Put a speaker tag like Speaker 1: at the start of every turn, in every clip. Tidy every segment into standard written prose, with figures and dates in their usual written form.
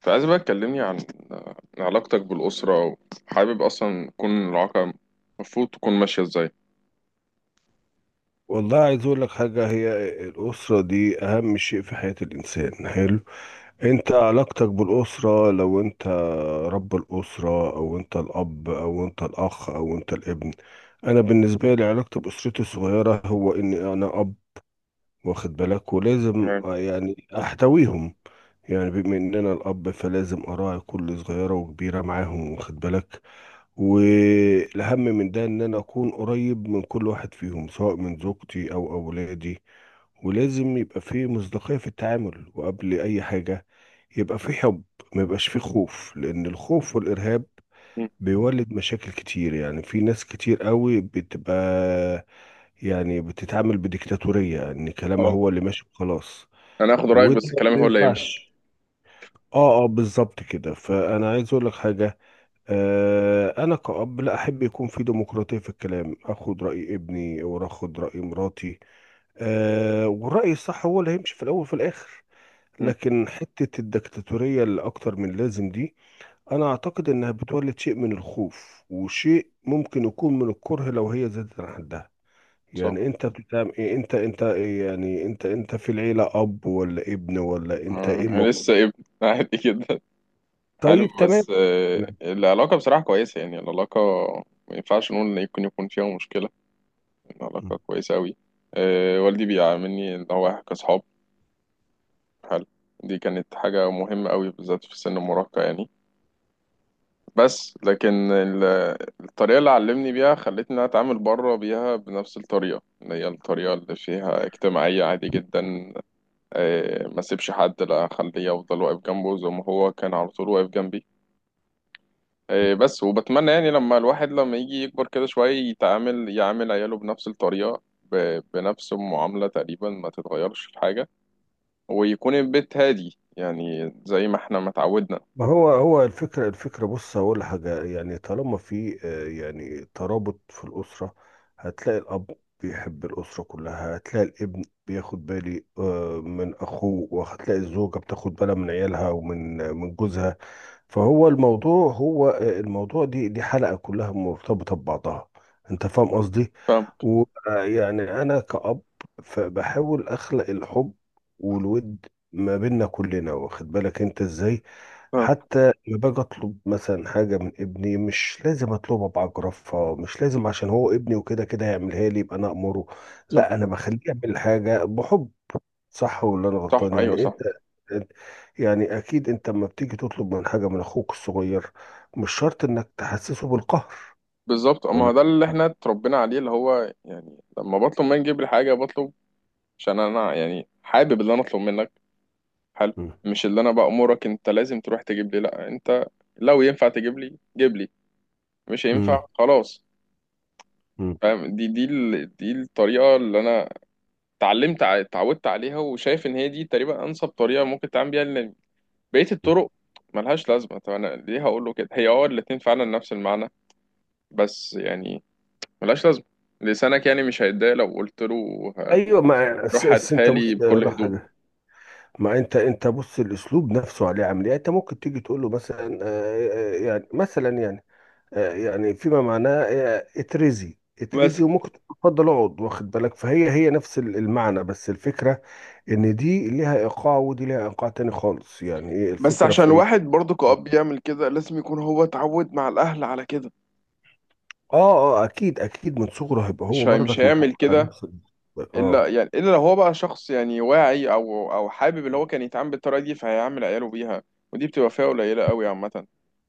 Speaker 1: فعايز بقى تكلمني عن علاقتك بالأسرة، وحابب أصلا تكون العلاقة المفروض تكون ماشية إزاي؟
Speaker 2: والله، عايز اقول لك حاجه. هي الاسره دي اهم شيء في حياه الانسان. حلو، انت علاقتك بالاسره، لو انت رب الاسره او انت الاب او انت الاخ او انت الابن. انا بالنسبه لي علاقتي باسرتي الصغيره هو اني انا اب، واخد بالك؟ ولازم
Speaker 1: تمام.
Speaker 2: يعني احتويهم. يعني بما ان انا الاب فلازم اراعي كل صغيره وكبيره معاهم، واخد بالك؟ والأهم من ده إن أنا أكون قريب من كل واحد فيهم، سواء من زوجتي أو أولادي. ولازم يبقى فيه مصداقية في التعامل، وقبل أي حاجة يبقى فيه حب. ما يبقاش فيه خوف، لأن الخوف والإرهاب
Speaker 1: مم.
Speaker 2: بيولد مشاكل كتير. يعني في ناس كتير قوي بتبقى، يعني بتتعامل بديكتاتورية، إن كلامها
Speaker 1: اه،
Speaker 2: هو اللي ماشي وخلاص.
Speaker 1: أنا هاخد رأيك
Speaker 2: وده
Speaker 1: بس كلامي
Speaker 2: ما
Speaker 1: هو اللي هيمشي.
Speaker 2: ينفعش. اه اه، بالظبط كده، فأنا عايز أقول لك حاجة. أنا كأب لا أحب. يكون في ديمقراطية في الكلام، أخد رأي ابني وأخد رأي مراتي. أه، والرأي الصح هو اللي هيمشي في الأول وفي الآخر.
Speaker 1: مم.
Speaker 2: لكن حتة الدكتاتورية اللي أكتر من لازم دي، أنا أعتقد إنها بتولد شيء من الخوف وشيء ممكن يكون من الكره لو هي زادت عن حدها.
Speaker 1: صح.
Speaker 2: يعني أنت بتعمل إيه؟ أنت أنت إيه؟ يعني أنت في العيلة أب ولا ابن ولا أنت
Speaker 1: آه،
Speaker 2: إيه
Speaker 1: أنا
Speaker 2: موقف؟
Speaker 1: لسه ابن عادي جدا. حلو.
Speaker 2: طيب، تمام.
Speaker 1: بس آه، العلاقة بصراحة كويسة، يعني العلاقة ما ينفعش نقول إن يمكن يكون فيها مشكلة.
Speaker 2: تمام.
Speaker 1: العلاقة كويسة أوي. آه، والدي بيعاملني إن هو إحنا كأصحاب. حلو. دي كانت حاجة مهمة أوي بالذات في سن المراهقة يعني. بس لكن ال- الطريقة اللي علمني بيها خلتني إن أنا أتعامل بره بيها بنفس الطريقة، اللي هي الطريقة اللي فيها اجتماعية عادي جدا. آه، ما سيبش حد لا أخليه أفضل واقف جنبه زي ما هو كان على طول واقف جنبي. آه، بس وبتمنى يعني لما الواحد لما يجي يكبر كده شوية يتعامل يعامل عياله بنفس الطريقة بنفس المعاملة تقريبا، ما تتغيرش في حاجة، ويكون البيت هادي، يعني زي ما احنا ما اتعودنا.
Speaker 2: ما هو هو الفكرة بص هقول حاجة. يعني طالما في يعني ترابط في الأسرة، هتلاقي الأب بيحب الأسرة كلها، هتلاقي الابن بياخد بالي من أخوه، وهتلاقي الزوجة بتاخد بالها من عيالها ومن جوزها. فهو الموضوع هو الموضوع، دي حلقة كلها مرتبطة ببعضها. انت فاهم قصدي؟
Speaker 1: فاهم.
Speaker 2: ويعني انا كأب، فبحاول اخلق الحب والود ما بيننا كلنا، واخد بالك انت ازاي؟
Speaker 1: فاهم.
Speaker 2: حتى لما باجي اطلب مثلا حاجة من ابني، مش لازم اطلبها بعجرفة. مش لازم عشان هو ابني وكده كده هيعملها لي يبقى انا امره،
Speaker 1: صح.
Speaker 2: لا، انا بخليه يعمل حاجة بحب. صح ولا انا
Speaker 1: صح،
Speaker 2: غلطان؟
Speaker 1: أيوه
Speaker 2: يعني
Speaker 1: صح.
Speaker 2: انت أنت- يعني اكيد انت لما بتيجي تطلب حاجه من اخوك الصغير، مش شرط انك تحسسه بالقهر.
Speaker 1: بالظبط، اما
Speaker 2: ولا.
Speaker 1: ده اللي احنا اتربينا عليه، اللي هو يعني لما بطلب منك تجيب لي حاجه، بطلب عشان انا يعني حابب اللي انا اطلب منك. حلو.
Speaker 2: مم.
Speaker 1: مش اللي انا بأمرك انت لازم تروح تجيب لي، لا انت لو ينفع تجيب لي جيب لي، مش هينفع
Speaker 2: مم.
Speaker 1: خلاص.
Speaker 2: مم.
Speaker 1: فاهم. دي الطريقه اللي انا اتعودت عليها، وشايف ان هي دي تقريبا انسب طريقه ممكن تعمل بيها، لان بقيه الطرق ملهاش لازمه. طب انا ليه هقول له كده، هي اه الاتنين فعلا نفس المعنى، بس يعني ملهاش لازمة. لسانك يعني مش هيتضايق لو قلت له ه-
Speaker 2: ايوه، ما
Speaker 1: روح هاتها
Speaker 2: انت
Speaker 1: لي
Speaker 2: بص،
Speaker 1: بكل
Speaker 2: أقول لك
Speaker 1: هدوء.
Speaker 2: حاجه. ما انت بص، الاسلوب نفسه عليه عامل ايه؟ يعني انت ممكن تيجي تقول له مثلا آه، يعني مثلا يعني يعني فيما معناه اترزي
Speaker 1: بس
Speaker 2: اترزي، وممكن تقول اتفضل اقعد، واخد بالك؟ فهي هي نفس المعنى، بس الفكرة ان دي ليها ايقاع ودي ليها ايقاع تاني خالص. يعني ايه
Speaker 1: بس
Speaker 2: الفكرة
Speaker 1: عشان
Speaker 2: في ايه؟
Speaker 1: الواحد برضه كأب يعمل كده لازم يكون هو اتعود مع الأهل على كده.
Speaker 2: اه اه، اكيد اكيد، من صغره هيبقى
Speaker 1: مش
Speaker 2: هو
Speaker 1: هي مش
Speaker 2: برضك متعود
Speaker 1: هيعمل
Speaker 2: على
Speaker 1: كده
Speaker 2: نفس
Speaker 1: إلا
Speaker 2: اه،
Speaker 1: يعني إلا لو هو بقى شخص يعني واعي أو حابب اللي هو كان يتعامل بالطريقة دي، فهيعمل عياله بيها. ودي بتبقى فئة قليلة قوي عامة.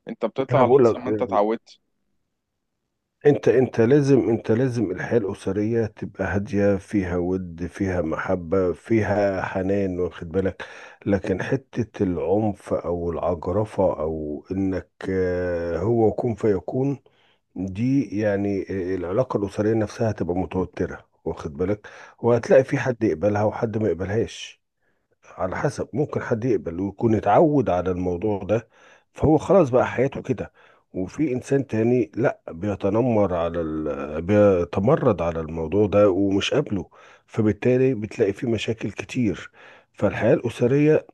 Speaker 1: أنت بتطلع
Speaker 2: انا
Speaker 1: على
Speaker 2: بقول
Speaker 1: حسب
Speaker 2: لك،
Speaker 1: ما أنت اتعودت.
Speaker 2: انت لازم الحياة الأسرية تبقى هادية، فيها ود، فيها محبة، فيها حنان، واخد بالك؟ لكن حتة العنف او العجرفة او انك هو كن فيكون، دي يعني العلاقة الأسرية نفسها هتبقى متوترة، واخد بالك؟
Speaker 1: م-
Speaker 2: وهتلاقي في حد يقبلها وحد ما يقبلهاش، على حسب. ممكن حد يقبل ويكون اتعود على الموضوع ده، فهو خلاص بقى حياته كده. وفي انسان تاني لا، بيتمرد على الموضوع ده ومش قابله، فبالتالي بتلاقي فيه مشاكل كتير. فالحياة الأسرية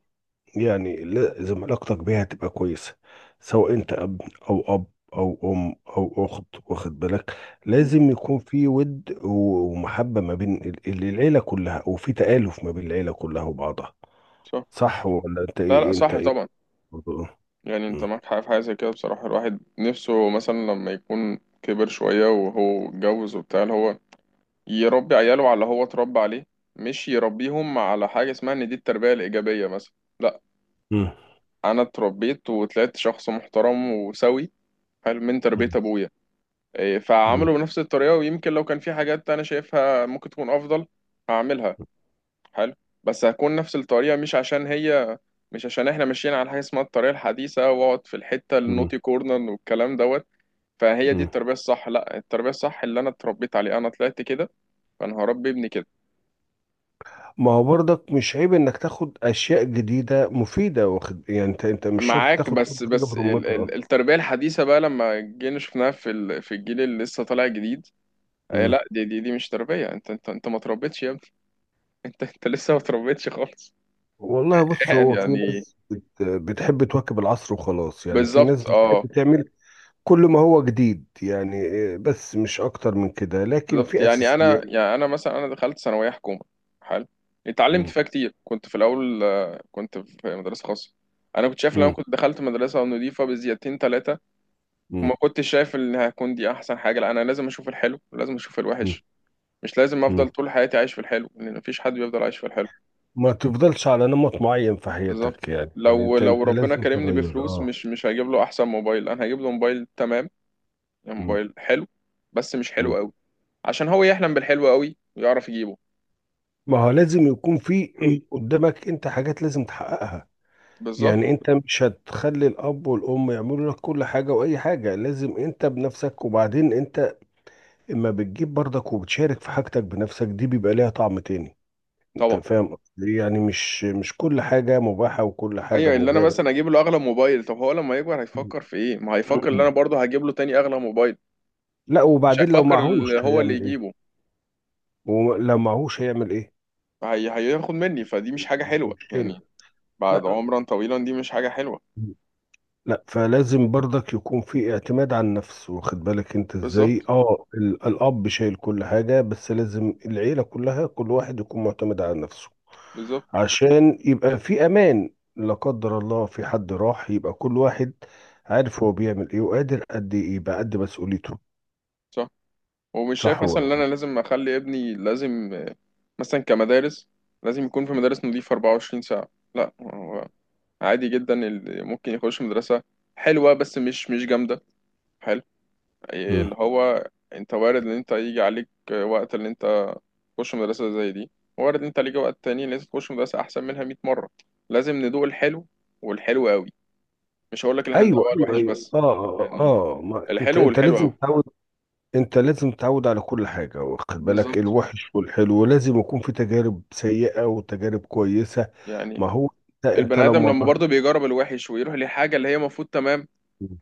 Speaker 2: يعني لازم علاقتك بيها تبقى كويسة، سواء انت اب او اب او ام او اخت، واخد بالك؟
Speaker 1: م.
Speaker 2: لازم يكون في ود ومحبة ما بين العيلة كلها، وفي تآلف ما بين العيلة كلها وبعضها.
Speaker 1: صح.
Speaker 2: صح ولا انت ايه؟
Speaker 1: لا لا،
Speaker 2: انت
Speaker 1: صح
Speaker 2: ايه؟
Speaker 1: طبعا.
Speaker 2: برضو.
Speaker 1: يعني انت
Speaker 2: مم.
Speaker 1: معاك حق في حاجة زي كده، بصراحة الواحد نفسه مثلا لما يكون كبر شوية وهو اتجوز وبتاع، اللي هو يربي عياله على اللي هو اتربى عليه، مش يربيهم على حاجة اسمها ان دي التربية الإيجابية مثلا. لا،
Speaker 2: مم.
Speaker 1: أنا اتربيت وطلعت شخص محترم وسوي، حلو، من تربية
Speaker 2: مم.
Speaker 1: أبويا. إيه،
Speaker 2: مم.
Speaker 1: فعامله بنفس الطريقة، ويمكن لو كان في حاجات أنا شايفها ممكن تكون أفضل هعملها. حلو. بس هكون نفس الطريقة، مش عشان هي مش عشان احنا ماشيين على حاجة اسمها الطريقة الحديثة واقعد في الحتة
Speaker 2: مم.
Speaker 1: النوتي كورنر والكلام دوت فهي دي
Speaker 2: مم.
Speaker 1: التربية الصح. لا، التربية الصح اللي انا اتربيت عليه، انا طلعت كده، فانا هربي ابني كده.
Speaker 2: ما هو برضك مش عيب انك تاخد اشياء جديده مفيده، واخد؟ يعني انت مش شرط
Speaker 1: معاك،
Speaker 2: تاخد كل
Speaker 1: بس
Speaker 2: حاجه برمتها.
Speaker 1: التربية الحديثة بقى لما جينا شفناها في في الجيل اللي لسه طالع جديد، آه،
Speaker 2: مم.
Speaker 1: لا دي مش تربية، انت انت انت ما تربيتش يا ابني. انت انت لسه ما تربيتش خالص.
Speaker 2: والله، بص، هو في
Speaker 1: يعني
Speaker 2: ناس بتحب تواكب العصر وخلاص. يعني في ناس
Speaker 1: بالظبط اه.
Speaker 2: بتحب تعمل كل ما هو جديد، يعني بس مش اكتر من كده، لكن
Speaker 1: بالظبط.
Speaker 2: في
Speaker 1: يعني انا
Speaker 2: اساسيات.
Speaker 1: يعني انا مثلا، انا دخلت ثانوية حكومة. حلو. اتعلمت
Speaker 2: مم.
Speaker 1: فيها كتير، كنت في الاول آه، كنت في مدرسة خاصة. انا كنت شايف لو انا
Speaker 2: مم.
Speaker 1: كنت دخلت مدرسة نضيفة بزيادتين ثلاثة
Speaker 2: مم.
Speaker 1: ما كنتش شايف ان هكون دي احسن حاجه. لا، انا لازم اشوف الحلو ولازم اشوف الوحش، مش لازم افضل
Speaker 2: مم.
Speaker 1: طول حياتي عايش في الحلو، لان مفيش حد بيفضل عايش في الحلو.
Speaker 2: ما تفضلش على نمط معين في
Speaker 1: بالظبط.
Speaker 2: حياتك. يعني يعني انت
Speaker 1: لو
Speaker 2: انت
Speaker 1: ربنا
Speaker 2: لازم
Speaker 1: كرمني
Speaker 2: تغير.
Speaker 1: بفلوس
Speaker 2: اه.
Speaker 1: مش هجيب له احسن موبايل، انا هجيب له موبايل تمام، يعني
Speaker 2: م-
Speaker 1: موبايل حلو بس مش
Speaker 2: م.
Speaker 1: حلو قوي، عشان هو يحلم بالحلو قوي ويعرف يجيبه.
Speaker 2: ما هو لازم يكون في قدامك انت حاجات لازم تحققها.
Speaker 1: بالظبط.
Speaker 2: يعني انت مش هتخلي الاب والام يعملوا لك كل حاجه، واي حاجه لازم انت بنفسك، وبعدين انت اما بتجيب برضك وبتشارك في حاجتك بنفسك دي، بيبقى ليها طعم تاني. انت
Speaker 1: طبعا.
Speaker 2: فاهم قصدي؟ إيه؟ يعني مش كل حاجه مباحه وكل حاجه
Speaker 1: ايوه، اللي انا مثلا
Speaker 2: مجابه.
Speaker 1: اجيب له اغلى موبايل، طب هو لما يكبر هيفكر في ايه؟ ما هيفكر اللي انا
Speaker 2: مم.
Speaker 1: برضه هجيب له تاني اغلى موبايل.
Speaker 2: لا،
Speaker 1: مش
Speaker 2: وبعدين لو
Speaker 1: هيفكر اللي
Speaker 2: معهوش
Speaker 1: هو اللي
Speaker 2: هيعمل ايه؟
Speaker 1: يجيبه.
Speaker 2: ولو معهوش هيعمل ايه؟
Speaker 1: هياخد مني، فدي مش حاجه حلوه
Speaker 2: مشكلة.
Speaker 1: يعني، بعد
Speaker 2: لا
Speaker 1: عمرا طويلا، دي مش حاجة حلوة.
Speaker 2: لا، فلازم برضك يكون في اعتماد على النفس، واخد بالك انت ازاي؟
Speaker 1: بالظبط.
Speaker 2: اه، الاب شايل كل حاجة، بس لازم العيلة كلها كل واحد يكون معتمد على نفسه
Speaker 1: بالظبط.
Speaker 2: عشان يبقى في امان. لا قدر الله في حد راح، يبقى كل واحد عارف هو بيعمل ايه وقادر قد ايه، يبقى قد مسؤوليته.
Speaker 1: صح. ومش شايف
Speaker 2: صح
Speaker 1: مثلا
Speaker 2: ولا
Speaker 1: ان
Speaker 2: لا؟
Speaker 1: انا لازم اخلي ابني لازم آه، مثلا كمدارس، لازم يكون في مدارس نظيفة 24 ساعة. لا، هو عادي جدا اللي ممكن يخش مدرسة حلوة بس مش مش جامدة. حلو. آه،
Speaker 2: مم.
Speaker 1: اللي هو انت وارد ان انت يجي عليك آه، وقت اللي انت تخش مدرسة زي دي، وارد ان انت ليك وقت تاني لازم تخش مدرسة احسن منها 100 مرة. لازم ندوق الحلو والحلو قوي، مش هقول لك ان احنا
Speaker 2: ايوه
Speaker 1: ندوقها
Speaker 2: ايوه
Speaker 1: الوحش
Speaker 2: ايوه،
Speaker 1: بس
Speaker 2: اه اه، آه.
Speaker 1: يعني.
Speaker 2: آه. ما انت
Speaker 1: الحلو
Speaker 2: انت
Speaker 1: والحلو.
Speaker 2: لازم تعود. انت لازم تتعود على كل حاجة، واخد بالك؟
Speaker 1: بالظبط
Speaker 2: الوحش والحلو لازم يكون في تجارب سيئة وتجارب كويسة.
Speaker 1: يعني.
Speaker 2: ما هو انت
Speaker 1: البني ادم
Speaker 2: لما
Speaker 1: لما
Speaker 2: مريت.
Speaker 1: برضه بيجرب الوحش ويروح لحاجه اللي هي المفروض تمام،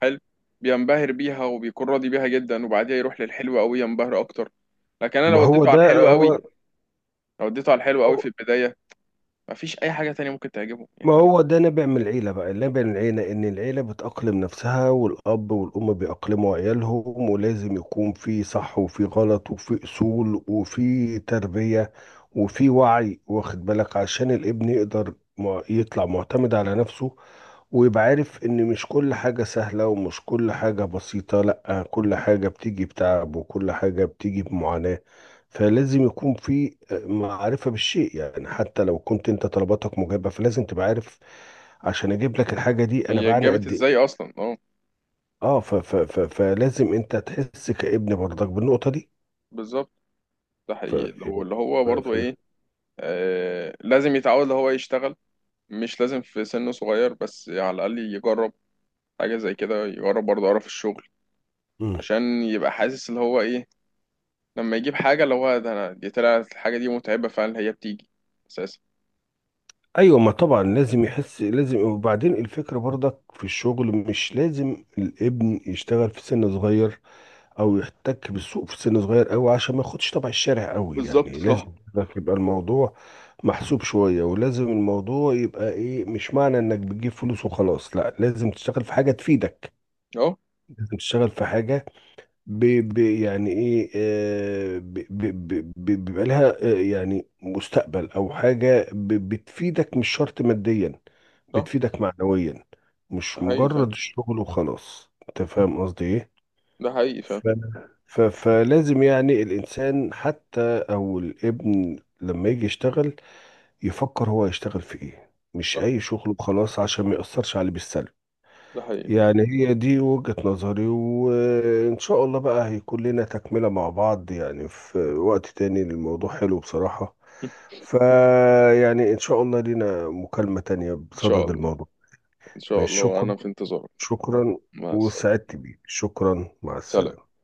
Speaker 1: حلو، بينبهر بيها وبيكون راضي بيها جدا، وبعديها يروح للحلو قوي ينبهر اكتر. لكن انا
Speaker 2: ما
Speaker 1: لو
Speaker 2: هو
Speaker 1: وديته على
Speaker 2: ده
Speaker 1: الحلو قوي،
Speaker 2: هو.
Speaker 1: لو وديته على الحلو
Speaker 2: هو.
Speaker 1: قوي في البدايه مفيش اي حاجه تانية ممكن تعجبه
Speaker 2: ما
Speaker 1: يعني.
Speaker 2: هو ده نابع من العيلة بقى، نابع من العيلة إن العيلة بتأقلم نفسها، والأب والأم بيأقلموا عيالهم، ولازم يكون في صح وفي غلط وفي أصول وفي تربية وفي وعي، واخد بالك؟ عشان الابن يقدر يطلع معتمد على نفسه، ويبقى عارف إن مش كل حاجة سهلة ومش كل حاجة بسيطة. لأ، كل حاجة بتيجي بتعب وكل حاجة بتيجي بمعاناة. فلازم يكون في معرفة بالشيء، يعني حتى لو كنت انت طلباتك مجابة فلازم تبقى عارف عشان اجيب لك الحاجة دي انا
Speaker 1: هي
Speaker 2: بعاني
Speaker 1: اتجابت
Speaker 2: قد ايه.
Speaker 1: ازاي اصلا؟ اه
Speaker 2: اه، ف ف ف فلازم انت تحس كابن برضك بالنقطة دي.
Speaker 1: بالظبط. ده
Speaker 2: ف
Speaker 1: حقيقي لو اللي هو
Speaker 2: ف
Speaker 1: برضه
Speaker 2: ف
Speaker 1: ايه آه، لازم يتعود اللي هو يشتغل، مش لازم في سن صغير بس على الاقل يجرب حاجه زي كده، يجرب برضه قرف الشغل،
Speaker 2: مم.
Speaker 1: عشان يبقى حاسس اللي هو ايه لما يجيب حاجة، اللي هو ده أنا دي طلعت الحاجة دي متعبة فعلا هي بتيجي أساسا.
Speaker 2: ايوه، ما طبعا لازم يحس، لازم. وبعدين الفكرة برضك في الشغل، مش لازم الابن يشتغل في سن صغير او يحتك بالسوق في سن صغير قوي عشان ما ياخدش طبع الشارع قوي.
Speaker 1: بالظبط.
Speaker 2: يعني
Speaker 1: صح.
Speaker 2: لازم لك يبقى الموضوع محسوب شوية، ولازم الموضوع يبقى ايه، مش معنى انك بتجيب فلوس وخلاص، لا، لازم تشتغل في حاجة تفيدك.
Speaker 1: أهو.
Speaker 2: لازم تشتغل في حاجة ب ب يعني ايه بيبقى لها يعني مستقبل او حاجة بتفيدك، مش شرط ماديا،
Speaker 1: صح.
Speaker 2: بتفيدك معنويا. مش
Speaker 1: ده حقيقي
Speaker 2: مجرد
Speaker 1: فعلا.
Speaker 2: الشغل وخلاص. انت فاهم قصدي ايه؟
Speaker 1: ده حقيقي فعلا.
Speaker 2: ف... فلازم يعني الإنسان حتى أو الابن لما يجي يشتغل، يفكر هو يشتغل في إيه، مش
Speaker 1: صح.
Speaker 2: أي شغل وخلاص عشان ما يأثرش عليه بالسلب.
Speaker 1: ده حقيقي.
Speaker 2: يعني هي دي وجهة نظري، وإن شاء الله بقى هيكون لنا تكملة مع بعض، يعني في وقت تاني. الموضوع حلو بصراحة. فيعني إن شاء الله لنا مكالمة تانية
Speaker 1: إن شاء
Speaker 2: بصدد
Speaker 1: الله.
Speaker 2: الموضوع.
Speaker 1: إن شاء
Speaker 2: مش
Speaker 1: الله،
Speaker 2: شكرا.
Speaker 1: أنا في انتظارك.
Speaker 2: شكرا.
Speaker 1: مع السلامة.
Speaker 2: وسعدت بيك، شكرا، مع
Speaker 1: سلام.
Speaker 2: السلامة.